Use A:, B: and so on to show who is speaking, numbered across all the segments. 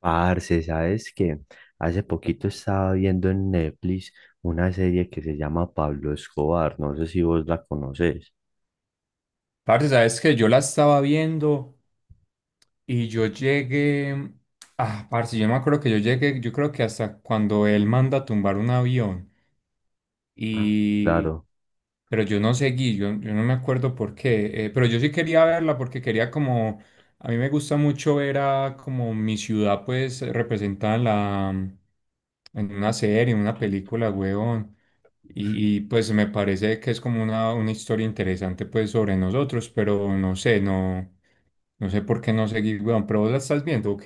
A: Parce, ¿sabes qué? Hace poquito estaba viendo en Netflix una serie que se llama Pablo Escobar, no sé si vos la conoces.
B: Parce, sabes que yo la estaba viendo y yo llegué. Ah, parce, yo me acuerdo que yo llegué, yo creo que hasta cuando él manda a tumbar un avión.
A: Ah.
B: Y.
A: Claro.
B: Pero yo no seguí, yo no me acuerdo por qué. Pero yo sí quería verla porque quería como. A mí me gusta mucho ver a como mi ciudad, pues, representada en la. En una serie, en una película, huevón. Pues me parece que es como una historia interesante, pues, sobre nosotros, pero no sé, no. No sé por qué no seguís, weón, pero vos la estás viendo, ok.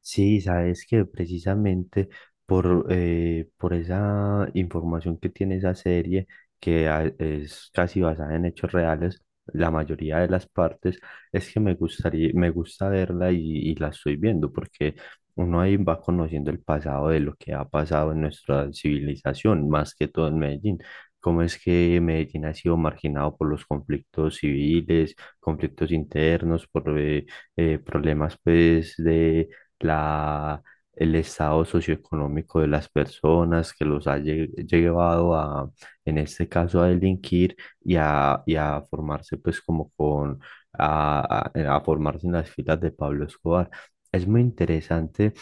A: Sí, sabes que precisamente por esa información que tiene esa serie, que es casi basada en hechos reales, la mayoría de las partes, es que me gustaría, me gusta verla y la estoy viendo, porque uno ahí va conociendo el pasado de lo que ha pasado en nuestra civilización, más que todo en Medellín. Cómo es que Medellín ha sido marginado por los conflictos civiles, conflictos internos, por problemas pues de la, el estado socioeconómico de las personas que los ha llevado a, en este caso, a delinquir y a formarse pues como con, a, a formarse en las filas de Pablo Escobar. Es muy interesante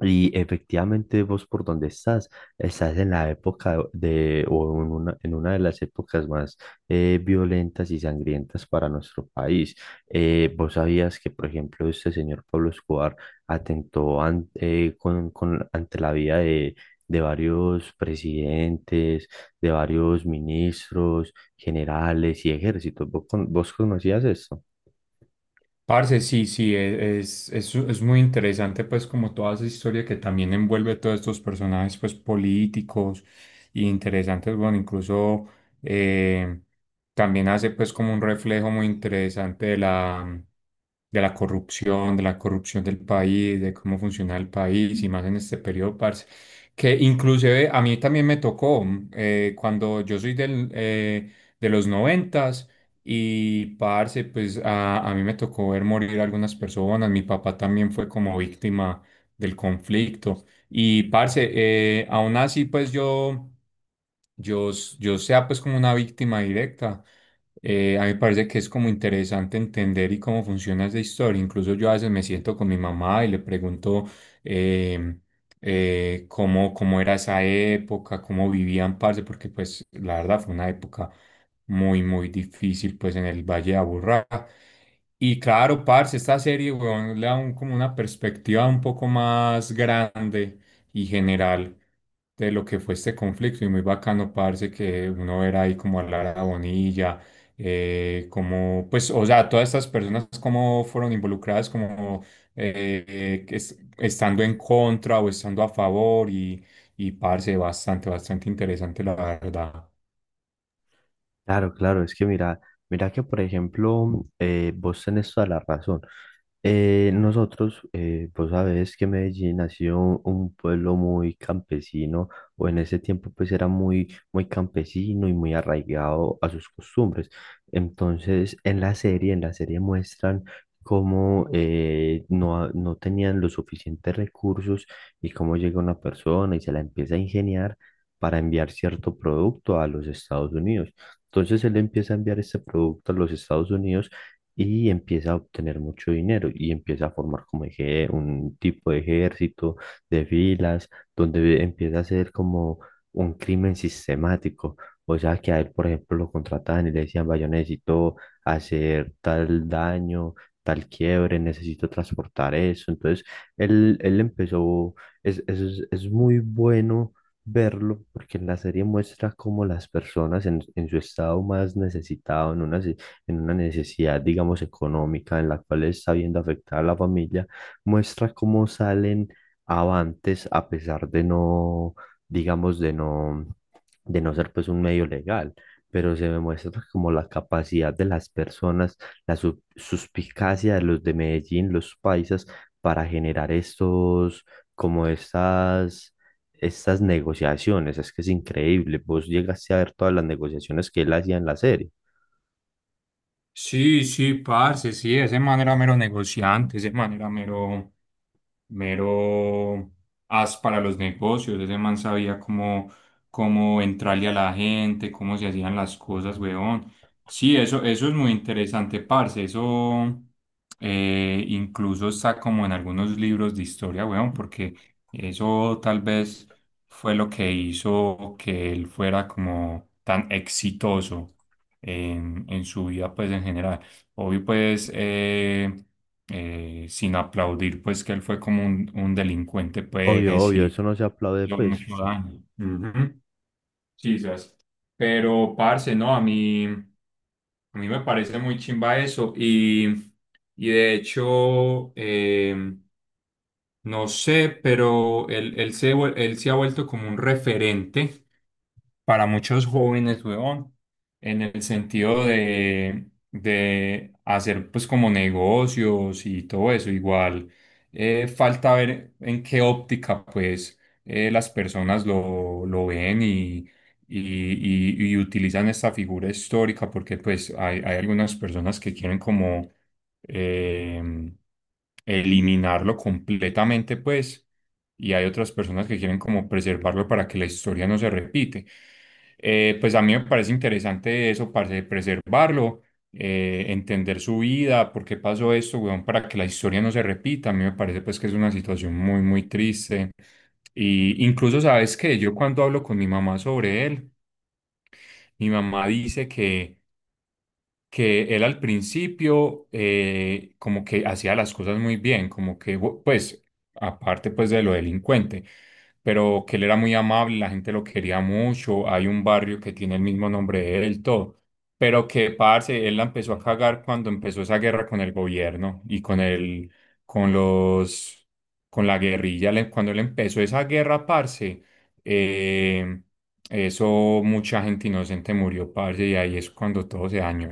A: y efectivamente vos por donde estás, estás en la época de, o en una de las épocas más violentas y sangrientas para nuestro país. Vos sabías que, por ejemplo, este señor Pablo Escobar atentó con, ante la vida de varios presidentes, de varios ministros, generales y ejércitos. ¿Vos, vos conocías esto?
B: Parce, sí, sí, es muy interesante, pues, como toda esa historia que también envuelve todos estos personajes, pues, políticos y interesantes, bueno, incluso eh, también hace, pues, como un reflejo muy interesante de de la corrupción del país, de cómo funciona el país y más en este periodo, parce. Que inclusive a mí también me tocó, cuando yo soy del, de los noventas. Y parce, pues a mí me tocó ver morir algunas personas. Mi papá también fue como víctima del conflicto. Y parce, aún así, pues yo sea pues como una víctima directa. A mí me parece que es como interesante entender y cómo funciona esa historia. Incluso yo a veces me siento con mi mamá y le pregunto em, cómo era esa época, cómo vivían, parce, porque pues la verdad fue una época muy, muy difícil, pues en el Valle de Aburrá. Y claro, parce, esta serie, weón, le da como una perspectiva un poco más grande y general de lo que fue este conflicto. Y muy bacano, parce, que uno ver ahí como a Lara Bonilla, como, pues, o sea, todas estas personas como fueron involucradas, como estando en contra o estando a favor. Y parce, bastante, bastante interesante, la verdad.
A: Claro, claro, es que mira, mira que por ejemplo, vos tenés toda la razón. Nosotros, vos sabés que Medellín ha sido un pueblo muy campesino, o en ese tiempo pues era muy, muy campesino y muy arraigado a sus costumbres. Entonces, en la serie muestran cómo no, no tenían los suficientes recursos y cómo llega una persona y se la empieza a ingeniar para enviar cierto producto a los Estados Unidos. Entonces él empieza a enviar este producto a los Estados Unidos y empieza a obtener mucho dinero y empieza a formar como un tipo de ejército, de filas, donde empieza a ser como un crimen sistemático. O sea, que a él, por ejemplo, lo contrataban y le decían, vaya, necesito hacer tal daño, tal quiebre, necesito transportar eso. Entonces, él empezó, es muy bueno verlo, porque en la serie muestra cómo las personas en su estado más necesitado, en una, en una necesidad, digamos, económica, en la cual está viendo afectada a la familia, muestra cómo salen avantes a pesar de no, digamos, de no ser pues un medio legal. Pero se me muestra como la capacidad de las personas, la suspicacia de los de Medellín, los paisas, para generar estos, como estas estas negociaciones, es que es increíble, vos llegaste a ver todas las negociaciones que él hacía en la serie.
B: Sí, sí, parce, sí, ese man era mero negociante, ese man era mero as para los negocios. Ese man sabía cómo, cómo entrarle a la gente, cómo se hacían las cosas, weón. Sí, eso es muy interesante, parce. Eso, incluso está como en algunos libros de historia, weón, porque eso tal vez fue lo que hizo que él fuera como tan exitoso en su vida, pues en general. Obvio, pues. Sin aplaudir pues que él fue como un delincuente
A: Obvio,
B: pues
A: obvio,
B: y
A: eso no se aplaude,
B: hizo
A: pues.
B: mucho daño. Ujú. Sí, sas. Pero parce, no, a mí me parece muy chimba eso y de hecho, no sé, pero él se ha vuelto como un referente para muchos jóvenes, weón, en el sentido de hacer pues como negocios y todo eso. Igual falta ver en qué óptica pues las personas lo ven y, y utilizan esta figura histórica porque pues hay algunas personas que quieren como em, eliminarlo completamente pues y hay otras personas que quieren como preservarlo para que la historia no se repite. Pues a mí me parece interesante eso, parce, de preservarlo, entender su vida, por qué pasó esto, weón, para que la historia no se repita. A mí me parece pues que es una situación muy, muy triste. Y incluso, ¿sabes que yo cuando hablo con mi mamá sobre él, mi mamá dice que él al principio, como que hacía las cosas muy bien, como que, pues, aparte pues de lo delincuente, pero que él era muy amable, la gente lo quería mucho, hay un barrio que tiene el mismo nombre de él, todo, pero que, parce, él la empezó a cagar cuando empezó esa guerra con el gobierno y con el, con los, con la guerrilla, cuando él empezó esa guerra, parce, eh, eso, mucha gente inocente murió, parce, y ahí es cuando todo se dañó?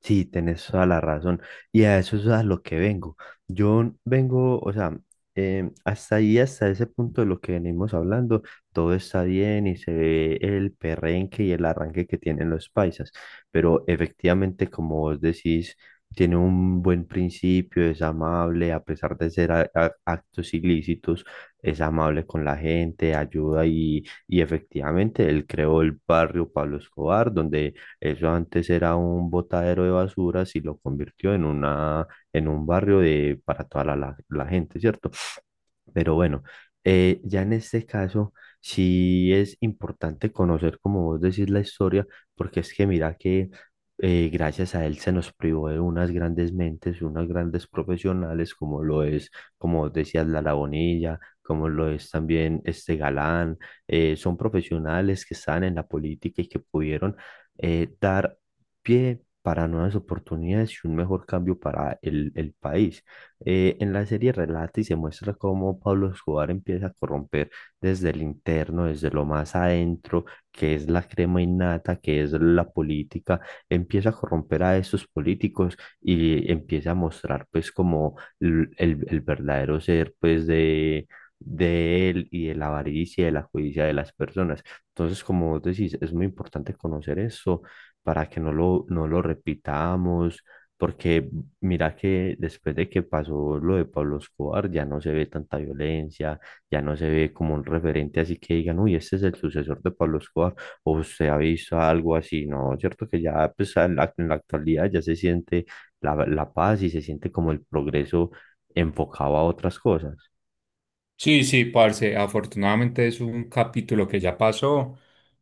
A: Sí, tenés toda la razón. Y a eso es a lo que vengo. Yo vengo, o sea, hasta ahí, hasta ese punto de lo que venimos hablando, todo está bien y se ve el perrenque y el arranque que tienen los paisas. Pero efectivamente, como vos decís, tiene un buen principio, es amable, a pesar de ser actos ilícitos, es amable con la gente, ayuda y efectivamente él creó el barrio Pablo Escobar, donde eso antes era un botadero de basuras y lo convirtió en una, en un barrio de, para toda la, la gente, ¿cierto? Pero bueno, ya en este caso sí es importante conocer, como vos decís, la historia, porque es que mira que gracias a él se nos privó de unas grandes mentes, unas grandes profesionales, como lo es, como vos decías, Lara Bonilla, como lo es también este Galán. Eh, son profesionales que están en la política y que pudieron dar pie para nuevas oportunidades y un mejor cambio para el país. En la serie relata y se muestra cómo Pablo Escobar empieza a corromper desde el interno, desde lo más adentro, que es la crema innata, que es la política, empieza a corromper a esos políticos y empieza a mostrar pues como el verdadero ser pues de él y de la avaricia, y de la codicia de las personas. Entonces, como vos decís, es muy importante conocer eso para que no lo, no lo repitamos porque mira que después de que pasó lo de Pablo Escobar, ya no se ve tanta violencia, ya no se ve como un referente así que digan, uy, este es el sucesor de Pablo Escobar, o se ha visto algo así, ¿no? Cierto que ya pues, en la actualidad ya se siente la, la paz y se siente como el progreso enfocado a otras cosas.
B: Sí, sí, parce, afortunadamente es un capítulo que ya pasó,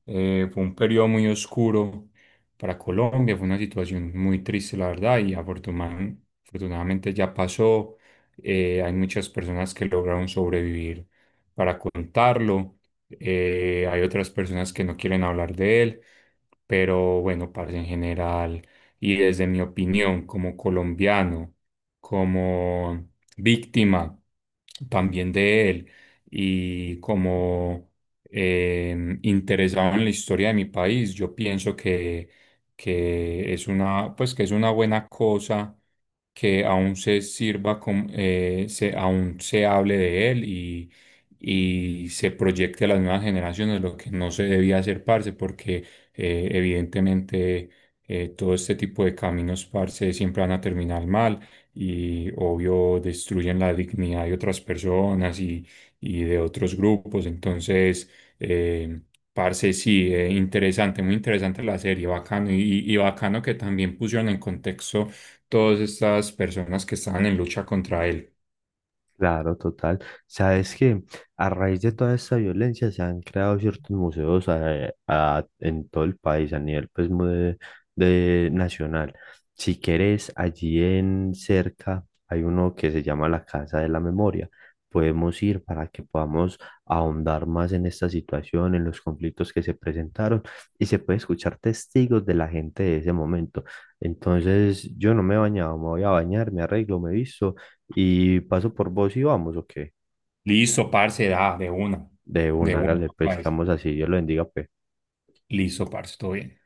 B: fue un periodo muy oscuro para Colombia, fue una situación muy triste, la verdad, y afortunadamente ya pasó, hay muchas personas que lograron sobrevivir para contarlo, hay otras personas que no quieren hablar de él, pero bueno, parce, en general, y desde mi opinión como colombiano, como víctima también de él y como, interesado en la historia de mi país, yo pienso que es una, pues que es una buena cosa que aún se sirva, aún se hable de él y se proyecte a las nuevas generaciones, lo que no se debía hacer, parce, porque evidentemente, todo este tipo de caminos, parce, siempre van a terminar mal y obvio destruyen la dignidad de otras personas y de otros grupos. Entonces, eh, parce, sí, interesante, muy interesante la serie, bacano y bacano que también pusieron en contexto todas estas personas que estaban en lucha contra él.
A: Claro, total. Sabes que a raíz de toda esta violencia se han creado ciertos museos en todo el país, a nivel pues, de nacional. Si quieres, allí en cerca hay uno que se llama la Casa de la Memoria. Podemos ir para que podamos ahondar más en esta situación, en los conflictos que se presentaron y se puede escuchar testigos de la gente de ese momento. Entonces, yo no me he bañado, me voy a bañar, me arreglo, me visto y paso por vos y vamos, ¿o qué?
B: Listo, parce, da,
A: De
B: de
A: una,
B: una,
A: hágale, pues,
B: parce.
A: quedamos así, Dios lo bendiga, pues.
B: Listo, parce, todo bien.